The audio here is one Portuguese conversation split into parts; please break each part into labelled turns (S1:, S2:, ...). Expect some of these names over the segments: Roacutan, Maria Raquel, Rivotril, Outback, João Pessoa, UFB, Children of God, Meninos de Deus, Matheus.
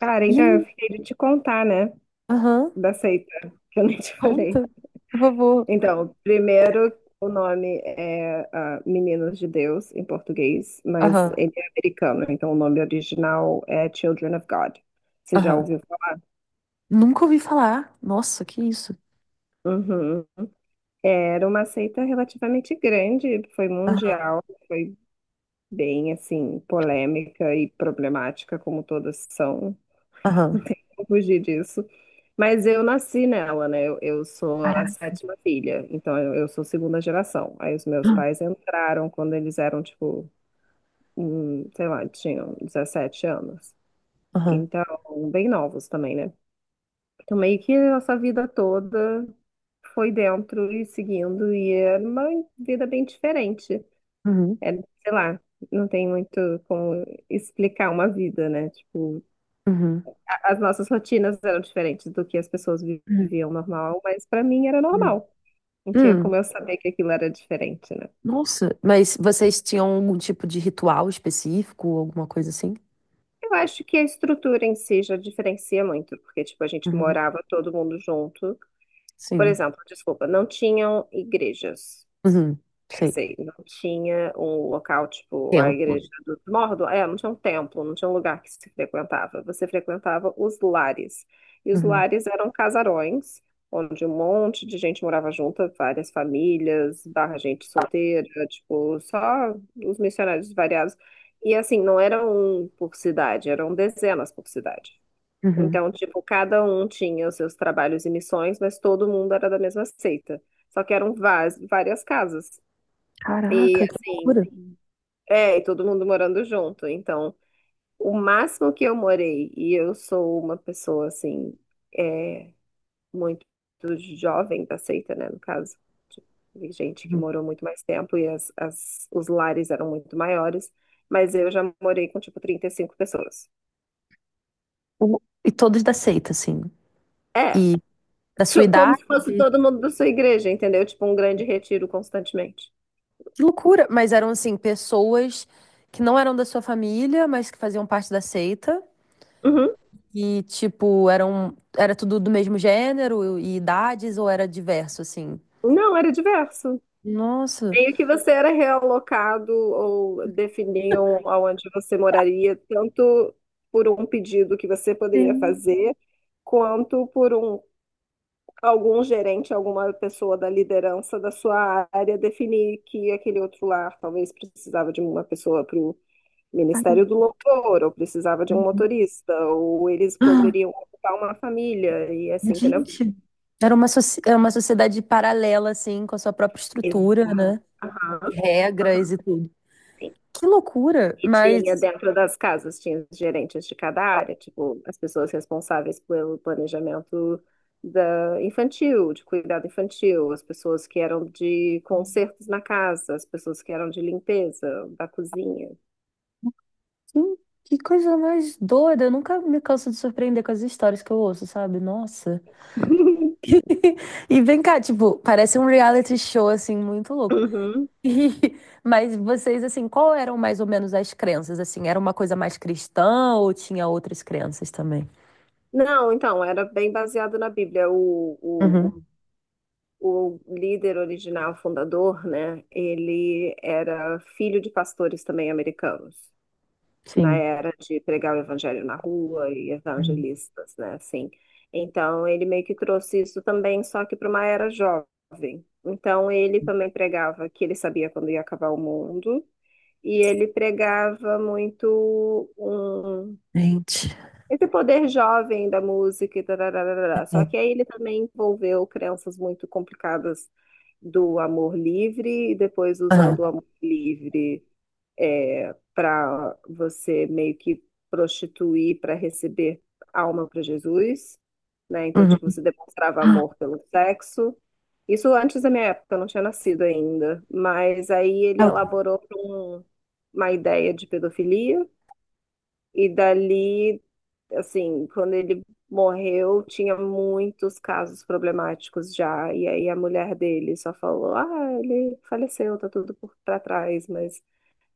S1: Cara,
S2: E
S1: então eu
S2: aí?
S1: fiquei de te contar, né,
S2: Aham.
S1: da seita, que eu nem te falei.
S2: Conta, por favor.
S1: Então, primeiro, o nome é Meninos de Deus, em português, mas
S2: Aham,
S1: ele é americano, então o nome original é Children of God. Você já
S2: aham.
S1: ouviu falar?
S2: Nunca ouvi falar. Nossa, que isso?
S1: Uhum. Era uma seita relativamente grande, foi
S2: Aham,
S1: mundial, foi bem, assim, polêmica e problemática, como todas são.
S2: aham.
S1: Não tem como fugir disso. Mas eu nasci nela, né? Eu sou a
S2: Caraca.
S1: sétima filha, então eu sou segunda geração. Aí os meus pais entraram quando eles eram, tipo, sei lá, tinham 17 anos.
S2: Aham.
S1: Então, bem novos também, né? Então, meio que a nossa vida toda foi dentro e seguindo, e era uma vida bem diferente.
S2: Uhum,
S1: É, sei lá, não tem muito como explicar uma vida, né? Tipo,
S2: uhum,
S1: as nossas rotinas eram diferentes do que as pessoas
S2: uhum,
S1: viviam normal, mas para mim era
S2: uhum.
S1: normal. Não tinha
S2: Hum,
S1: como eu saber que aquilo era diferente, né?
S2: Nossa, mas vocês tinham algum tipo de ritual específico, alguma coisa assim?
S1: Eu acho que a estrutura em si já diferencia muito, porque, tipo, a gente
S2: Uhum,
S1: morava todo mundo junto. Por
S2: sim.
S1: exemplo, desculpa, não tinham igrejas.
S2: Uhum, sei.
S1: Sei, não tinha um local tipo a
S2: Templo.
S1: igreja dos Mordo, é, não tinha um templo, não tinha um lugar que se frequentava. Você frequentava os lares. E os
S2: Uhum,
S1: lares eram casarões, onde um monte de gente morava junta, várias famílias, barra gente solteira, tipo, só os missionários variados. E assim, não era um por cidade, eram dezenas por cidade.
S2: uhum.
S1: Então, tipo, cada um tinha os seus trabalhos e missões, mas todo mundo era da mesma seita. Só que eram várias casas. E
S2: Caraca, que
S1: assim,
S2: loucura.
S1: é, e todo mundo morando junto. Então, o máximo que eu morei, e eu sou uma pessoa assim, é, muito jovem da seita, né? No caso, de gente que
S2: Uhum.
S1: morou muito mais tempo e os lares eram muito maiores, mas eu já morei com tipo 35 pessoas.
S2: O- E todos da seita, assim.
S1: É,
S2: E da sua
S1: tipo, como
S2: idade?
S1: se fosse todo mundo da sua igreja, entendeu? Tipo um grande retiro constantemente.
S2: Que loucura! Mas eram, assim, pessoas que não eram da sua família, mas que faziam parte da seita.
S1: Uhum.
S2: E, tipo, era tudo do mesmo gênero e idades, ou era diverso, assim?
S1: Não, era diverso.
S2: Nossa!
S1: Meio que você era realocado ou definiam aonde você moraria, tanto por um pedido que você poderia
S2: Sim.
S1: fazer, quanto por um, algum gerente, alguma pessoa da liderança da sua área definir que aquele outro lar talvez precisava de uma pessoa para o
S2: Caramba.
S1: Ministério do Louvor, ou precisava de um motorista, ou eles
S2: Ah,
S1: poderiam ocupar uma família, e assim, entendeu?
S2: gente. Era uma, soci- é uma sociedade paralela, assim, com a sua própria estrutura,
S1: Exato.
S2: né? E
S1: Aham,
S2: regras
S1: aham.
S2: e tudo. Que loucura!
S1: E tinha
S2: Mas
S1: dentro das casas, tinha os gerentes de cada área, tipo, as pessoas responsáveis pelo planejamento da infantil, de cuidado infantil, as pessoas que eram de consertos na casa, as pessoas que eram de limpeza da cozinha.
S2: que, que coisa mais doida! Eu nunca me canso de surpreender com as histórias que eu ouço, sabe? Nossa! E vem cá, tipo, parece um reality show, assim, muito louco.
S1: Uhum.
S2: E- mas vocês, assim, qual eram mais ou menos as crenças? Assim, era uma coisa mais cristã ou tinha outras crenças também?
S1: Não, então, era bem baseado na Bíblia.
S2: Uhum,
S1: O líder original, fundador, né? Ele era filho de pastores também americanos. Na
S2: sim.
S1: era de pregar o evangelho na rua e evangelistas, né? Assim. Então, ele meio que trouxe isso também, só que para uma era jovem. Então, ele também pregava que ele sabia quando ia acabar o mundo, e ele pregava muito um,
S2: Gente.
S1: esse poder jovem da música e tarararará. Só
S2: É.
S1: que aí ele também envolveu crenças muito complicadas do amor livre e depois
S2: Aham.
S1: usando o amor livre para você meio que prostituir para receber alma para Jesus, né? Então,
S2: Uhum.
S1: tipo, você demonstrava
S2: Ah,
S1: amor pelo sexo. Isso antes da minha época, eu não tinha nascido ainda, mas aí ele elaborou uma ideia de pedofilia e dali, assim, quando ele morreu, tinha muitos casos problemáticos já, e aí a mulher dele só falou: "Ah, ele faleceu, tá tudo por para trás", mas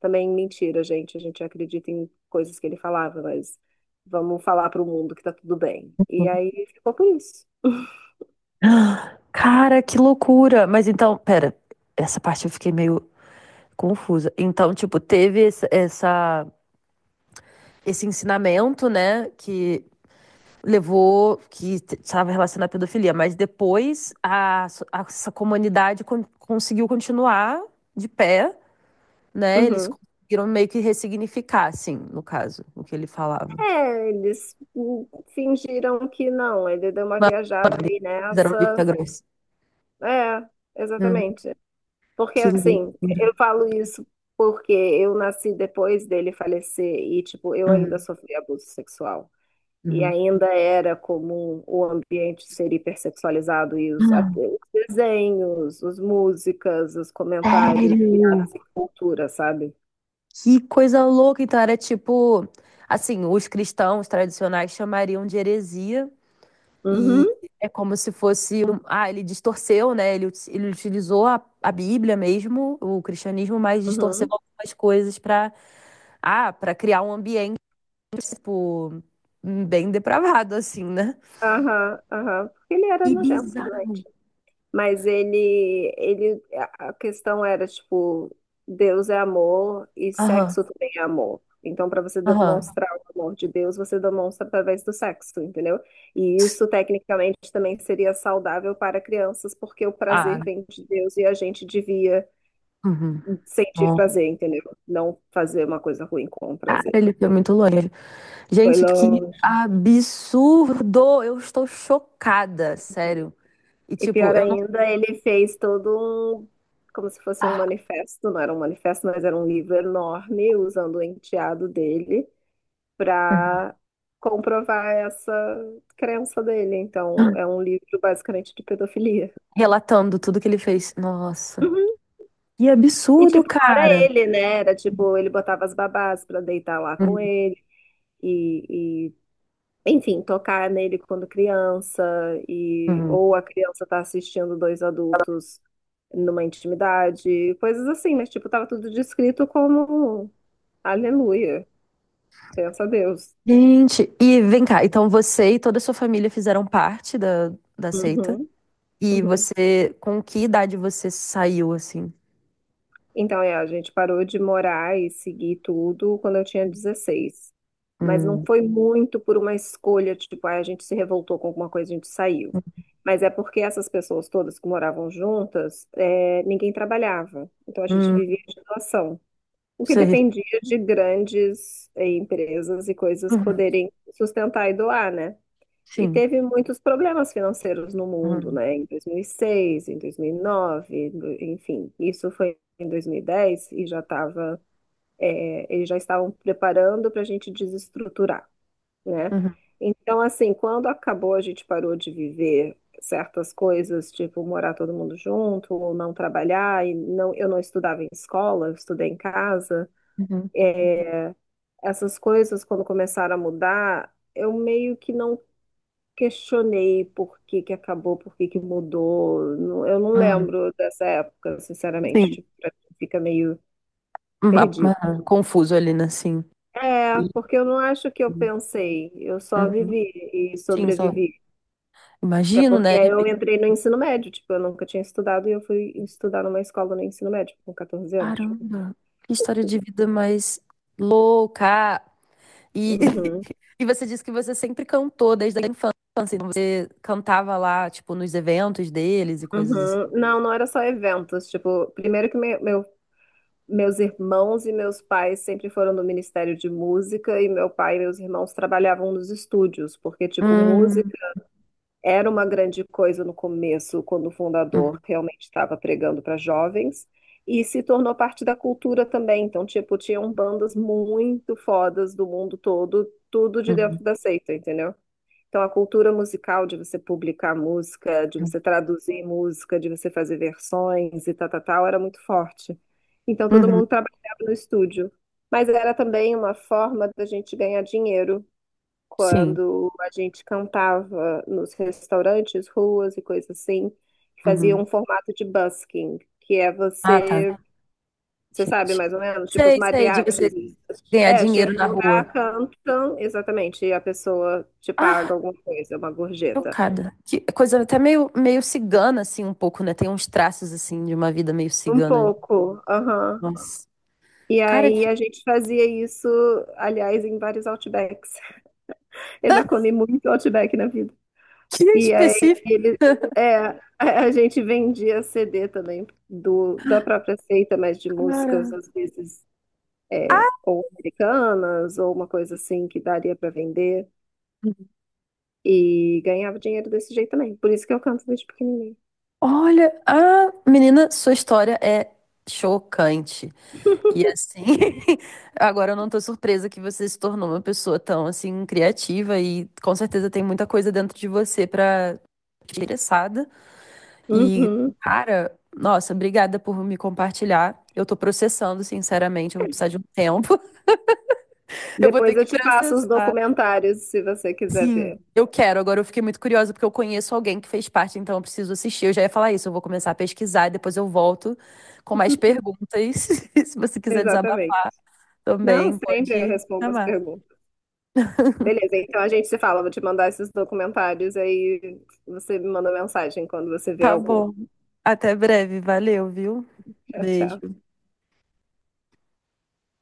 S1: também mentira, gente. A gente acredita em coisas que ele falava, mas vamos falar para o mundo que tá tudo bem. E aí ficou por isso.
S2: cara, que loucura! Mas então, pera, essa parte eu fiquei meio confusa. Então, tipo, teve esse, essa, esse ensinamento, né, que levou que estava relacionado à pedofilia, mas depois a, so- a- essa comunidade con- conseguiu continuar de pé, né? Eles
S1: Uhum.
S2: conseguiram meio que ressignificar, assim, no caso, o que ele falava.
S1: É, eles fingiram que não. Ele deu uma viajada
S2: Eles
S1: aí
S2: fizeram vista
S1: nessa.
S2: grossa.
S1: É,
S2: Uhum.
S1: exatamente. Porque
S2: Que
S1: assim,
S2: loucura.
S1: eu falo isso porque eu nasci depois dele falecer e, tipo, eu ainda
S2: Uhum,
S1: sofri abuso sexual. E
S2: uhum.
S1: ainda era comum o ambiente ser hipersexualizado e os, até os desenhos, as músicas, os comentários,
S2: Sério?
S1: piadas e cultura, sabe?
S2: Que coisa louca! Então era tipo, assim, os cristãos tradicionais chamariam de heresia. E
S1: Uhum,
S2: é como se fosse. Um- Ah, ele distorceu, né? Ele, ut- ele utilizou a Bíblia mesmo, o cristianismo, mas distorceu
S1: uhum.
S2: algumas coisas para ah, para criar um ambiente, tipo, bem depravado, assim, né?
S1: Aham, aham. Porque ele era
S2: Que
S1: nojento,
S2: bizarro.
S1: doente. Mas a questão era tipo, Deus é amor e
S2: Aham,
S1: sexo também é amor. Então, para você
S2: aham.
S1: demonstrar o amor de Deus, você demonstra através do sexo, entendeu? E isso, tecnicamente, também seria saudável para crianças, porque o
S2: Ah,
S1: prazer vem de Deus e a gente devia
S2: uhum.
S1: sentir
S2: Ó,
S1: prazer, entendeu? Não fazer uma coisa ruim com o
S2: cara,
S1: prazer.
S2: ele foi muito longe.
S1: Foi
S2: Gente, que
S1: longe.
S2: absurdo! Eu estou chocada, sério. E,
S1: E
S2: tipo,
S1: pior
S2: eu
S1: ainda, ele fez todo um, como se fosse um
S2: não.
S1: manifesto, não era um manifesto, mas era um livro enorme, usando o enteado dele para comprovar essa crença dele. Então, é um livro basicamente de pedofilia.
S2: Relatando tudo que ele fez. Nossa.
S1: Uhum.
S2: Que
S1: E
S2: absurdo,
S1: tipo, não era
S2: cara.
S1: ele, né? Era tipo, ele botava as babás para deitar lá com
S2: Uhum,
S1: ele. E, enfim, tocar nele quando criança e
S2: uhum.
S1: ou a criança tá assistindo dois adultos numa intimidade, coisas assim, mas tipo, tava tudo descrito como aleluia, pensa a Deus.
S2: Gente, e vem cá, então você e toda a sua família fizeram parte da, da seita?
S1: Uhum,
S2: E
S1: uhum.
S2: você, com que idade você saiu assim?
S1: Então, é, a gente parou de morar e seguir tudo quando eu tinha 16. Mas não
S2: Hum,
S1: foi muito por uma escolha, tipo, ah, a gente se revoltou com alguma coisa, a gente saiu. Mas é porque essas pessoas todas que moravam juntas, é, ninguém trabalhava. Então a gente
S2: hum,
S1: vivia de doação. O que
S2: sei.
S1: dependia de grandes, empresas e coisas
S2: Uhum,
S1: poderem sustentar e doar, né? E
S2: sim.
S1: teve muitos problemas financeiros no mundo,
S2: Uhum,
S1: né? Em 2006, em 2009, enfim, isso foi em 2010 e dez e já estava, eles já estavam preparando para a gente desestruturar, né?
S2: uhum,
S1: Então, assim, quando acabou, a gente parou de viver certas coisas, tipo morar todo mundo junto, ou não trabalhar, e não, eu não estudava em escola, eu estudei em casa.
S2: uhum,
S1: É, essas coisas, quando começaram a mudar, eu meio que não questionei por que que acabou, por que que mudou. Eu não
S2: uhum,
S1: lembro dessa época, sinceramente.
S2: sim.
S1: Tipo, pra mim fica meio
S2: Uhum,
S1: perdido.
S2: Confuso ali, né? Sim.
S1: É,
S2: Sim,
S1: porque eu não acho que eu
S2: sim.
S1: pensei. Eu só
S2: Uhum,
S1: vivi e
S2: sim, só
S1: sobrevivi. Até
S2: imagino,
S1: porque
S2: né? De
S1: aí eu
S2: repente,
S1: entrei no ensino médio, tipo, eu nunca tinha estudado e eu fui estudar numa escola no ensino médio com 14 anos. Tipo.
S2: caramba, que história de vida mais louca! E,
S1: Uhum,
S2: e você disse que você sempre cantou desde a infância, então você cantava lá, tipo, nos eventos deles e coisas assim.
S1: uhum. Não, não era só eventos. Tipo, primeiro que meu meus irmãos e meus pais sempre foram do Ministério de Música e meu pai e meus irmãos trabalhavam nos estúdios, porque, tipo, música
S2: Hum,
S1: era uma grande coisa no começo, quando o fundador
S2: uhum,
S1: realmente estava pregando para jovens, e se tornou parte da cultura também. Então, tipo, tinham bandas muito fodas do mundo todo, tudo de
S2: uhum,
S1: dentro da seita, entendeu? Então, a cultura musical de você publicar música, de você traduzir música, de você fazer versões e tal, tal, tal, era muito forte. Então, todo
S2: uhum,
S1: mundo trabalhava no estúdio. Mas era também uma forma da gente ganhar dinheiro
S2: sim.
S1: quando a gente cantava nos restaurantes, ruas e coisas assim, que fazia
S2: Uhum.
S1: um formato de busking, que é
S2: Ah, tá.
S1: você sabe
S2: Gente.
S1: mais ou menos? Tipo os
S2: Sei, sei, de
S1: mariachis.
S2: você ganhar
S1: É, chega
S2: dinheiro na
S1: no
S2: rua.
S1: lugar, cantam, exatamente, e a pessoa te paga
S2: Ah,
S1: alguma coisa, uma gorjeta.
S2: chocada. Que coisa até meio, meio cigana, assim, um pouco, né? Tem uns traços, assim, de uma vida meio
S1: Um
S2: cigana.
S1: pouco, aham.
S2: Nossa.
S1: E
S2: Cara,
S1: aí
S2: que,
S1: a gente fazia isso, aliás, em vários Outbacks. Eu já comi muito Outback na vida.
S2: que
S1: E aí
S2: específico,
S1: ele, é, a gente vendia CD também do, da própria seita, mas de músicas,
S2: cara.
S1: às vezes, é, ou americanas, ou uma coisa assim que daria para vender. E ganhava dinheiro desse jeito também. Por isso que eu canto desde pequenininha.
S2: Olha, ah, menina, sua história é chocante. E assim, agora eu não tô surpresa que você se tornou uma pessoa tão assim criativa e com certeza tem muita coisa dentro de você pra interessada. E
S1: Uhum.
S2: cara, nossa, obrigada por me compartilhar. Eu tô processando, sinceramente, eu vou precisar de um tempo. Eu vou ter
S1: Depois eu
S2: que
S1: te passo os
S2: processar.
S1: documentários, se você quiser
S2: Sim,
S1: ver.
S2: eu quero. Agora eu fiquei muito curiosa porque eu conheço alguém que fez parte, então eu preciso assistir. Eu já ia falar isso, eu vou começar a pesquisar e depois eu volto com mais perguntas. Se você quiser
S1: Exatamente.
S2: desabafar
S1: Não,
S2: também,
S1: sempre eu
S2: pode
S1: respondo as
S2: chamar.
S1: perguntas. Beleza, então a gente se fala. Vou te mandar esses documentários, aí você me manda mensagem quando você vê
S2: Tá
S1: algum.
S2: bom. Até breve. Valeu, viu?
S1: Tchau, tchau.
S2: Beijo.